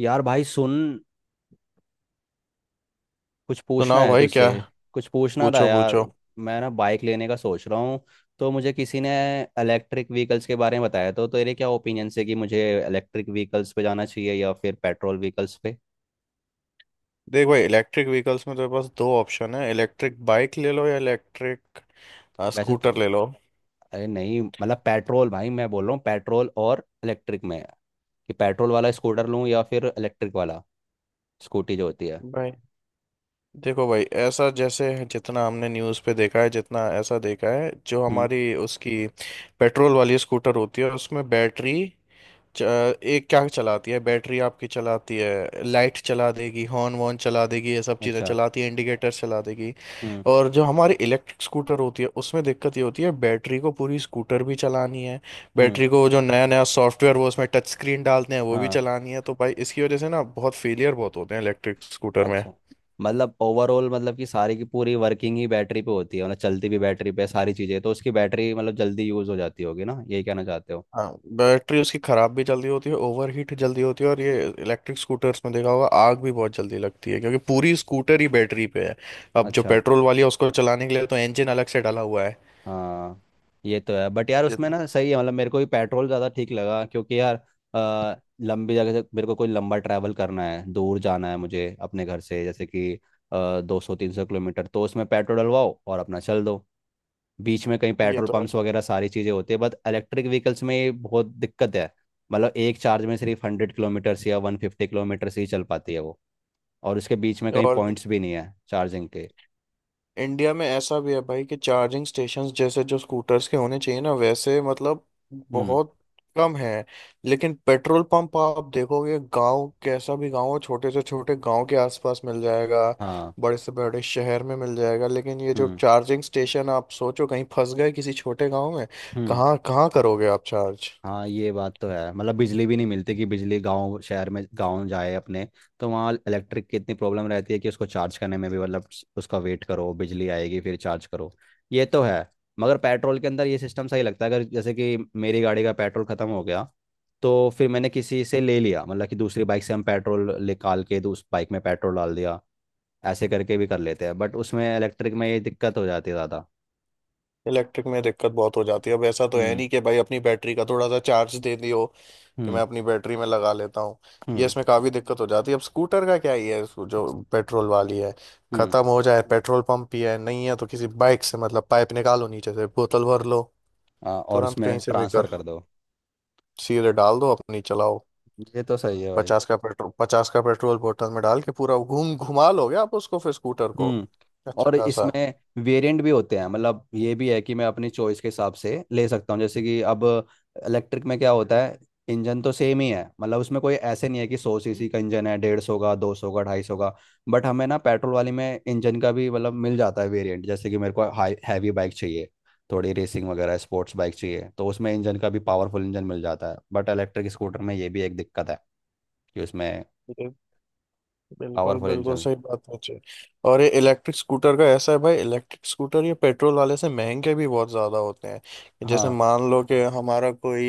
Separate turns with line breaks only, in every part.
यार भाई सुन, कुछ पूछना
सुनाओ
है
भाई,
तुझसे।
क्या?
कुछ पूछना था
पूछो
यार।
पूछो।
मैं ना बाइक लेने का सोच रहा हूँ, तो मुझे किसी ने इलेक्ट्रिक व्हीकल्स के बारे में बताया। तो तेरे क्या ओपिनियन से कि मुझे इलेक्ट्रिक व्हीकल्स पे जाना चाहिए या फिर पेट्रोल व्हीकल्स पे?
देख भाई इलेक्ट्रिक व्हीकल्स में तेरे पास दो ऑप्शन है, इलेक्ट्रिक बाइक ले लो या इलेक्ट्रिक
वैसे तो
स्कूटर ले लो।
अरे नहीं, मतलब पेट्रोल भाई मैं बोल रहा हूँ, पेट्रोल और इलेक्ट्रिक में कि पेट्रोल वाला स्कूटर लूँ या फिर इलेक्ट्रिक वाला स्कूटी जो होती है।
भाई देखो भाई, ऐसा जैसे जितना हमने न्यूज़ पे देखा है, जितना ऐसा देखा है, जो
हम्म।
हमारी उसकी पेट्रोल वाली स्कूटर होती है उसमें बैटरी एक क्या चलाती है, बैटरी आपकी चलाती है, लाइट चला देगी, हॉर्न वॉर्न चला देगी, ये सब चीज़ें
अच्छा।
चलाती है, इंडिकेटर चला देगी।
हम्म।
और जो हमारी इलेक्ट्रिक स्कूटर होती है उसमें दिक्कत ये होती है, बैटरी को पूरी स्कूटर भी चलानी है,
हम्म।
बैटरी को जो नया नया सॉफ्टवेयर वो उसमें टच स्क्रीन डालते हैं वो भी
हाँ।
चलानी है, तो भाई इसकी वजह से ना बहुत फेलियर बहुत होते हैं इलेक्ट्रिक स्कूटर में।
अच्छा। मतलब ओवरऑल, मतलब कि सारी की पूरी वर्किंग ही बैटरी पे होती है, मतलब चलती भी बैटरी पे है सारी चीज़ें, तो उसकी बैटरी मतलब जल्दी यूज़ हो जाती होगी ना, यही कहना चाहते हो?
हाँ, बैटरी उसकी खराब भी जल्दी होती है, ओवर हीट जल्दी होती है, और ये इलेक्ट्रिक स्कूटर्स में देखा होगा आग भी बहुत जल्दी लगती है, क्योंकि पूरी स्कूटर ही बैटरी पे है। अब जो
अच्छा।
पेट्रोल वाली है उसको चलाने के लिए तो इंजन अलग से डाला हुआ है।
हाँ ये तो है, बट यार
ये
उसमें
तो-
ना सही है मतलब, मेरे को भी पेट्रोल ज़्यादा ठीक लगा क्योंकि यार, लंबी जगह से मेरे को कोई लंबा ट्रैवल करना है, दूर जाना है मुझे अपने घर से। जैसे कि 200-300 किलोमीटर, तो उसमें पेट्रोल डलवाओ और अपना चल दो। बीच में कहीं
ये
पेट्रोल
तो है।
पंप्स वगैरह सारी चीज़ें होती है, बट इलेक्ट्रिक व्हीकल्स में ये बहुत दिक्कत है। मतलब एक चार्ज में सिर्फ 100 किलोमीटर से या 150 किलोमीटर से ही चल पाती है वो, और उसके बीच में कहीं
और
पॉइंट्स भी नहीं है चार्जिंग के।
इंडिया में ऐसा भी है भाई कि चार्जिंग स्टेशंस जैसे जो स्कूटर्स के होने चाहिए ना, वैसे मतलब
हम्म।
बहुत कम है। लेकिन पेट्रोल पंप आप देखोगे, गांव कैसा भी गांव हो, छोटे से छोटे गांव के आसपास मिल जाएगा,
हाँ।
बड़े से बड़े शहर में मिल जाएगा। लेकिन ये जो
हम्म।
चार्जिंग स्टेशन, आप सोचो कहीं फंस गए किसी छोटे गांव में,
हम्म।
कहाँ कहाँ करोगे आप चार्ज?
हाँ ये बात तो है, मतलब बिजली भी नहीं मिलती, कि बिजली गांव शहर में गांव जाए अपने, तो वहाँ इलेक्ट्रिक की इतनी प्रॉब्लम रहती है कि उसको चार्ज करने में भी मतलब उसका वेट करो, बिजली आएगी फिर चार्ज करो। ये तो है। मगर पेट्रोल के अंदर ये सिस्टम सही लगता है, अगर जैसे कि मेरी गाड़ी का पेट्रोल खत्म हो गया, तो फिर मैंने किसी से ले लिया, मतलब कि दूसरी बाइक से हम पेट्रोल निकाल के तो उस बाइक में पेट्रोल डाल दिया, ऐसे करके भी कर लेते हैं। बट उसमें इलेक्ट्रिक में ये दिक्कत हो जाती है ज़्यादा।
इलेक्ट्रिक में दिक्कत बहुत हो जाती है। अब ऐसा तो है
हम्म।
नहीं कि भाई अपनी बैटरी का थोड़ा सा चार्ज दे दियो कि
हम्म।
मैं अपनी बैटरी में लगा लेता हूँ। ये
हम्म।
इसमें काफ़ी दिक्कत हो जाती है। अब स्कूटर का क्या ही है, इसको जो पेट्रोल वाली है
हम्म।
ख़त्म हो जाए, पेट्रोल पंप ही है नहीं है तो किसी बाइक से मतलब पाइप निकालो, नीचे से बोतल भर लो,
और
तुरंत
उसमें
कहीं से भी
ट्रांसफ़र
कर
कर
लो,
दो।
सीधे डाल दो, अपनी चलाओ।
ये तो सही है भाई।
50 का पेट्रोल, 50 का पेट्रोल बोतल में डाल के पूरा घूम घुमा लोगे आप उसको, फिर स्कूटर को
हम्म।
अच्छा
और
खासा।
इसमें वेरिएंट भी होते हैं, मतलब ये भी है कि मैं अपनी चॉइस के हिसाब से ले सकता हूँ। जैसे कि अब इलेक्ट्रिक में क्या होता है, इंजन तो सेम ही है, मतलब उसमें कोई ऐसे नहीं है कि 100 सीसी का इंजन है, 150 का, 200 का, 250 का। बट हमें ना पेट्रोल वाली में इंजन का भी मतलब मिल जाता है वेरिएंट, जैसे कि मेरे को हाई हैवी बाइक चाहिए, थोड़ी रेसिंग वगैरह स्पोर्ट्स बाइक चाहिए, तो उसमें इंजन का भी पावरफुल इंजन मिल जाता है। बट इलेक्ट्रिक स्कूटर में ये भी एक दिक्कत है कि उसमें
बिल्कुल
पावरफुल
बिल्कुल
इंजन।
सही बात है जी। और ये इलेक्ट्रिक स्कूटर का ऐसा है भाई, इलेक्ट्रिक स्कूटर ये पेट्रोल वाले से महंगे भी बहुत ज़्यादा होते हैं। जैसे
हाँ।
मान लो कि हमारा कोई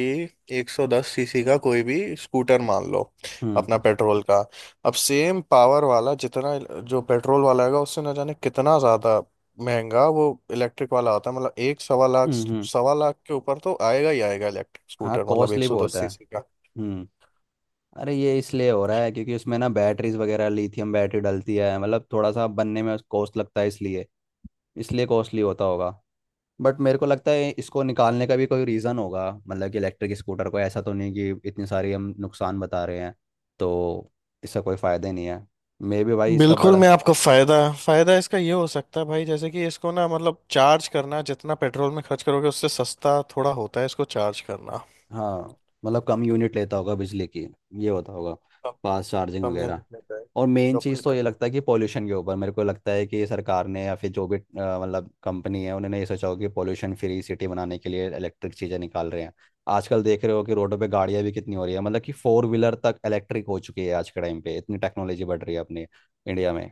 110 सीसी का कोई भी स्कूटर मान लो,
हम्म।
अपना पेट्रोल का, अब सेम पावर वाला जितना, जो पेट्रोल वाला है उससे ना जाने कितना ज़्यादा महंगा वो इलेक्ट्रिक वाला होता है। मतलब एक 1.25 लाख,
हम्म। हम्म।
1.25 लाख के ऊपर तो आएगा ही आएगा इलेक्ट्रिक
हाँ
स्कूटर, मतलब
कॉस्टली भी
110
होता है।
सीसी।
हम्म। अरे ये इसलिए हो रहा है क्योंकि उसमें ना बैटरीज वगैरह लिथियम बैटरी डलती है, मतलब थोड़ा सा बनने में कॉस्ट लगता है इसलिए इसलिए कॉस्टली होता होगा। बट मेरे को लगता है इसको निकालने का भी कोई रीज़न होगा, मतलब कि इलेक्ट्रिक स्कूटर को ऐसा तो नहीं कि इतनी सारी हम नुकसान बता रहे हैं तो इसका कोई फ़ायदा नहीं है। मे भी भाई इसका
बिल्कुल,
बड़ा।
मैं आपको फायदा, फायदा इसका ये हो सकता है भाई, जैसे कि इसको ना मतलब चार्ज करना, जितना पेट्रोल में खर्च करोगे उससे सस्ता थोड़ा होता है इसको चार्ज करना,
हाँ, मतलब कम यूनिट लेता होगा बिजली की, ये होता होगा।
कम,
फास्ट चार्जिंग
कम
वगैरह।
यूनिट लेता है,
और मेन
तो अपने
चीज़ तो ये
कम।
लगता है कि पॉल्यूशन के ऊपर मेरे को लगता है कि सरकार ने या फिर जो भी मतलब कंपनी है उन्होंने ये सोचा हो कि पॉल्यूशन फ्री सिटी बनाने के लिए इलेक्ट्रिक चीज़ें निकाल रहे हैं। आजकल देख रहे हो कि रोडों पे गाड़ियां भी कितनी हो रही है, मतलब कि फोर व्हीलर तक इलेक्ट्रिक हो चुकी है। आज के टाइम पे इतनी टेक्नोलॉजी बढ़ रही है अपने इंडिया में।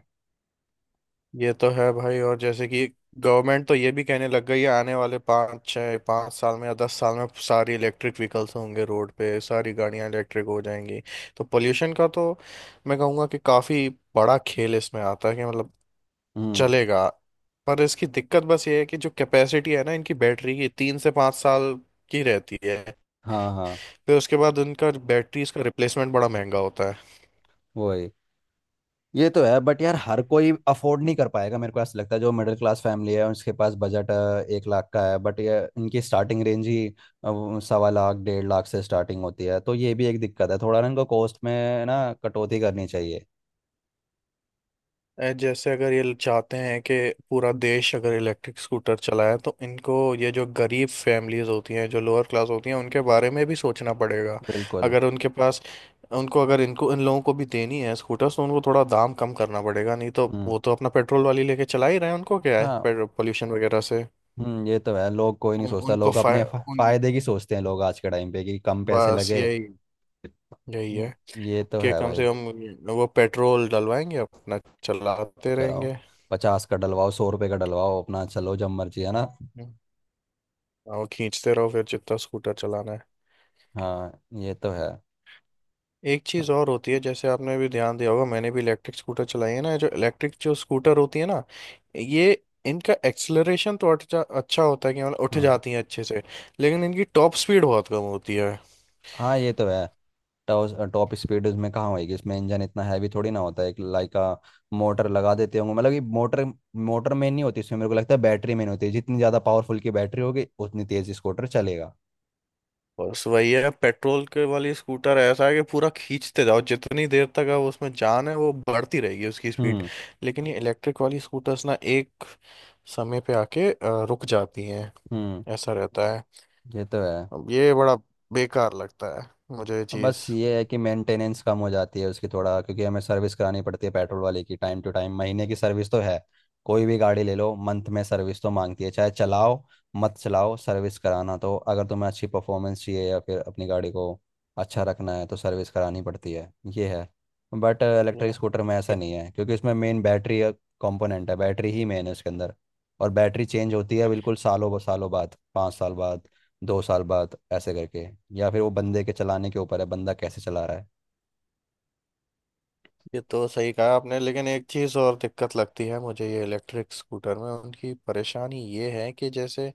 ये तो है भाई। और जैसे कि गवर्नमेंट तो ये भी कहने लग गई है आने वाले पाँच छः, पाँच साल में या 10 साल में सारी इलेक्ट्रिक व्हीकल्स होंगे, रोड पे सारी गाड़ियां इलेक्ट्रिक हो जाएंगी। तो पोल्यूशन का तो मैं कहूँगा कि काफ़ी बड़ा खेल इसमें आता है, कि मतलब
हम्म।
चलेगा। पर इसकी दिक्कत बस ये है कि जो कैपेसिटी है ना इनकी बैटरी की, 3 से 5 साल की रहती है,
हाँ। हाँ।
फिर उसके बाद इनका बैटरी इसका रिप्लेसमेंट बड़ा महंगा होता है।
वही। ये तो है, बट यार हर कोई अफोर्ड नहीं कर पाएगा मेरे को ऐसा लगता है, जो मिडिल क्लास फैमिली है उसके पास बजट 1 लाख का है, बट ये इनकी स्टार्टिंग रेंज ही वो 1.25 लाख 1.5 लाख से स्टार्टिंग होती है, तो ये भी एक दिक्कत है, थोड़ा ना इनको कॉस्ट में ना कटौती करनी चाहिए।
जैसे अगर ये चाहते हैं कि पूरा देश अगर इलेक्ट्रिक स्कूटर चलाए, तो इनको ये जो गरीब फैमिलीज होती हैं, जो लोअर क्लास होती हैं, उनके बारे में भी सोचना पड़ेगा।
बिल्कुल।
अगर उनके पास, उनको अगर इनको इन लोगों को भी देनी है स्कूटर, तो उनको थोड़ा दाम कम करना पड़ेगा, नहीं तो
हम्म।
वो तो अपना पेट्रोल वाली लेके चला ही रहे हैं, उनको क्या है
हाँ।
पेट्रोल पोल्यूशन वगैरह से।
ये तो है, लोग कोई नहीं
उन,
सोचता,
उनको
लोग
फाय
अपने
उन
फायदे की सोचते हैं लोग, आज के टाइम पे कि कम पैसे
बस
लगे।
यही यही है
हम्म। ये तो
कि
है
कम
भाई,
से कम वो पेट्रोल डलवाएंगे अपना, चलाते
चलाओ,
रहेंगे।
50 का डलवाओ, 100 रुपये का डलवाओ, अपना चलो जब मर्जी है ना।
हम्म। और खींचते रहो फिर जितना स्कूटर चलाना है।
हाँ ये तो है।
एक चीज़ और होती है, जैसे आपने भी ध्यान दिया होगा, मैंने भी इलेक्ट्रिक स्कूटर चलाई है ना। जो इलेक्ट्रिक जो स्कूटर होती है ना, ये इनका एक्सेलरेशन तो अच्छा अच्छा होता है, कि मतलब उठ
हम्म।
जाती है अच्छे से, लेकिन इनकी टॉप स्पीड बहुत कम होती है।
हाँ ये तो है। टॉप टॉप स्पीड उसमें कहाँ होएगी, इसमें इंजन इतना हैवी थोड़ी ना होता है, एक लाइक मोटर लगा देते होंगे, मतलब ये मोटर मोटर में नहीं होती इसमें। मेरे को लगता है बैटरी में नहीं होती, जितनी ज़्यादा पावरफुल की बैटरी होगी उतनी तेज़ स्कूटर चलेगा।
बस वही है, पेट्रोल के वाली स्कूटर ऐसा है कि पूरा खींचते जाओ, जितनी देर तक अब उसमें जान है वो बढ़ती रहेगी उसकी स्पीड।
हम्म।
लेकिन ये इलेक्ट्रिक वाली स्कूटर्स ना एक समय पे आके रुक जाती हैं,
हम्म।
ऐसा रहता है।
ये तो है।
अब ये बड़ा बेकार लगता है मुझे ये चीज़।
बस ये है कि मेंटेनेंस कम हो जाती है उसकी थोड़ा, क्योंकि हमें सर्विस करानी पड़ती है पेट्रोल वाले की टाइम टू टाइम, महीने की सर्विस तो है। कोई भी गाड़ी ले लो मंथ में सर्विस तो मांगती है, चाहे चलाओ मत चलाओ सर्विस कराना तो। अगर तुम्हें अच्छी परफॉर्मेंस चाहिए या फिर अपनी गाड़ी को अच्छा रखना है तो सर्विस करानी पड़ती है, ये है। बट इलेक्ट्रिक
ये
स्कूटर में ऐसा
ये
नहीं
तो
है, क्योंकि उसमें मेन बैटरी कंपोनेंट है, बैटरी ही मेन है उसके अंदर। और बैटरी चेंज होती है बिल्कुल सालों सालों बाद, 5 साल बाद, 2 साल बाद, ऐसे करके। या फिर वो बंदे के चलाने के ऊपर है, बंदा कैसे चला रहा है।
ये तो सही कहा आपने। लेकिन एक चीज़ और दिक्कत लगती है मुझे ये इलेक्ट्रिक स्कूटर में, उनकी परेशानी ये है कि जैसे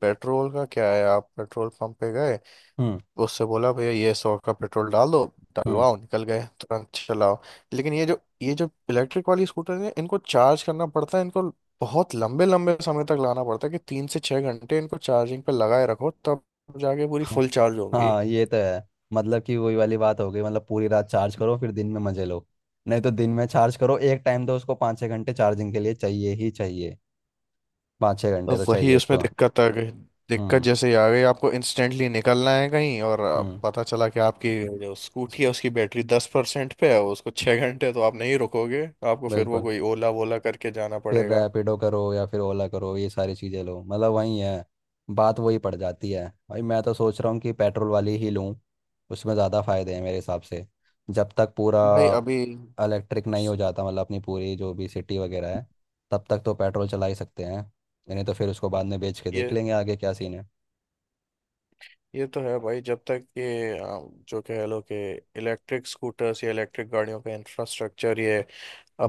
पेट्रोल का क्या है, आप पेट्रोल पंप पे गए,
हम्म।
उससे बोला भैया ये 100 का पेट्रोल डाल दो,
हम्म।
डलवाओ, निकल गए तुरंत चलाओ। लेकिन ये जो इलेक्ट्रिक वाली स्कूटर है, इनको चार्ज करना पड़ता है, इनको बहुत लंबे लंबे समय तक लाना पड़ता है, कि 3 से 6 घंटे इनको चार्जिंग पे लगाए रखो, तब जाके पूरी
हाँ।
फुल चार्ज होंगी।
हाँ ये तो है। मतलब कि वही वाली बात हो गई, मतलब पूरी रात चार्ज करो फिर दिन में मजे लो, नहीं तो दिन में चार्ज करो। एक टाइम तो उसको 5-6 घंटे चार्जिंग के लिए चाहिए ही चाहिए, पाँच छः
तो
घंटे तो
वही
चाहिए
उसमें
उसको।
दिक्कत आ गई, दिक्कत
हम्म।
जैसे ही आ गई आपको इंस्टेंटली निकलना है कहीं, और
हम्म।
पता चला कि आपकी जो स्कूटी है
इसको-
उसकी बैटरी 10% पे है, उसको 6 घंटे तो आप नहीं रुकोगे, आपको फिर वो
बिल्कुल।
कोई ओला वोला करके जाना
फिर
पड़ेगा।
रैपिडो करो या फिर ओला करो, ये सारी चीज़ें लो, मतलब वही है, बात वही पड़ जाती है भाई। मैं तो सोच रहा हूँ कि पेट्रोल वाली ही लूँ, उसमें ज़्यादा फ़ायदे हैं मेरे हिसाब से। जब तक पूरा
भाई अभी,
इलेक्ट्रिक नहीं हो जाता मतलब अपनी पूरी जो भी सिटी वगैरह है, तब तक तो पेट्रोल चला ही सकते हैं, नहीं तो फिर उसको बाद में बेच के देख
ये
लेंगे आगे क्या सीन है।
ये तो है भाई। जब तक ये जो कह लो कि इलेक्ट्रिक स्कूटर्स या इलेक्ट्रिक गाड़ियों का इंफ्रास्ट्रक्चर ये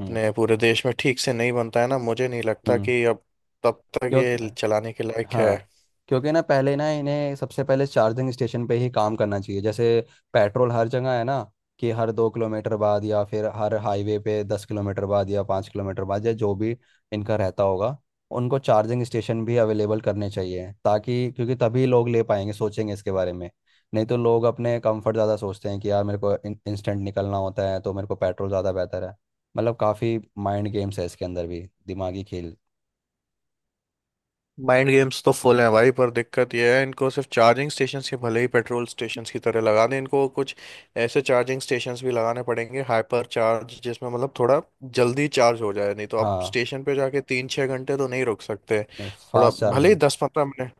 हम्म।
पूरे देश में ठीक से नहीं बनता है ना, मुझे नहीं लगता
हम्म।
कि अब तब तक
क्योंकि,
ये चलाने के लायक है।
हाँ, क्योंकि ना पहले, ना इन्हें सबसे पहले चार्जिंग स्टेशन पे ही काम करना चाहिए, जैसे पेट्रोल हर जगह है ना, कि हर 2 किलोमीटर बाद या फिर हर हाईवे पे 10 किलोमीटर बाद या 5 किलोमीटर बाद या जो भी इनका रहता होगा। उनको चार्जिंग स्टेशन भी अवेलेबल करने चाहिए ताकि, क्योंकि तभी लोग ले पाएंगे, सोचेंगे इसके बारे में। नहीं तो लोग अपने कंफर्ट ज़्यादा सोचते हैं कि यार मेरे को इंस्टेंट निकलना होता है, तो मेरे को पेट्रोल ज़्यादा बेहतर है। मतलब काफ़ी माइंड गेम्स है इसके अंदर भी, दिमागी खेल।
माइंड गेम्स तो फुल हैं भाई, पर दिक्कत यह है इनको सिर्फ चार्जिंग स्टेशंस के भले ही पेट्रोल स्टेशंस की तरह लगा दें, इनको कुछ ऐसे चार्जिंग स्टेशंस भी लगाने पड़ेंगे हाइपर चार्ज, जिसमें मतलब थोड़ा जल्दी चार्ज हो जाए, नहीं तो आप
हाँ।
स्टेशन पे जाके 3-6 घंटे तो नहीं रुक सकते।
नहीं
थोड़ा
फास्ट
भले ही
चार्जिंग।
10-15 मिनट,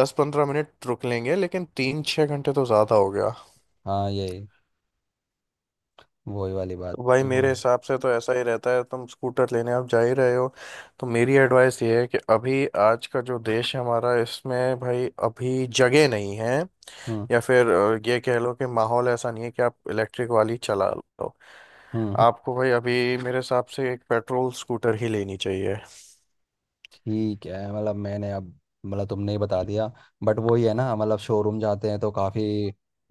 10-15 मिनट रुक लेंगे, लेकिन 3-6 घंटे तो ज़्यादा हो गया।
हाँ ये वही वाली बात
तो भाई
तो
मेरे हिसाब से तो ऐसा ही रहता है, तुम स्कूटर लेने आप जा ही रहे हो, तो मेरी एडवाइस ये है कि अभी आज का जो देश है हमारा इसमें भाई अभी जगह नहीं है,
हम्म।
या फिर ये कह लो कि माहौल ऐसा नहीं है कि आप इलेक्ट्रिक वाली चला लो।
हम्म। हम्म।
आपको भाई अभी मेरे हिसाब से एक पेट्रोल स्कूटर ही लेनी चाहिए।
ठीक है, मतलब मैंने अब मतलब तुमने ही बता दिया। बट वही है ना मतलब, शोरूम जाते हैं तो काफ़ी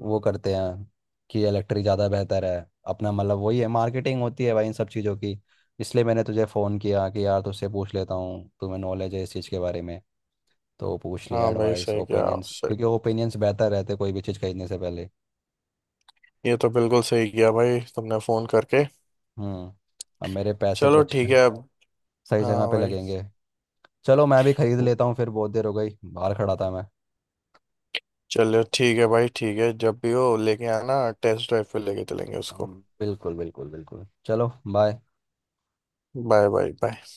वो करते हैं कि इलेक्ट्रिक ज़्यादा बेहतर है, अपना मतलब वही है, मार्केटिंग होती है भाई इन सब चीज़ों की। इसलिए मैंने तुझे फ़ोन किया कि यार तुझसे पूछ लेता हूँ, तुम्हें नॉलेज है इस चीज़ के बारे में, तो पूछ लिया
हाँ भाई,
एडवाइस
सही किया
ओपिनियंस,
सही,
क्योंकि ओपिनियंस बेहतर रहते कोई भी चीज़ खरीदने से पहले।
ये तो बिल्कुल सही किया भाई तुमने फ़ोन करके।
हम्म। अब मेरे पैसे तो
चलो ठीक है अब।
सही जगह
हाँ
पे
भाई।
लगेंगे। चलो मैं भी खरीद लेता हूँ फिर, बहुत देर हो गई बाहर खड़ा था मैं।
चलो ठीक है भाई, ठीक है जब भी हो लेके आना, टेस्ट ड्राइव पे लेके चलेंगे उसको।
हम्म। बिल्कुल बिल्कुल बिल्कुल। चलो बाय।
Bye bye bye.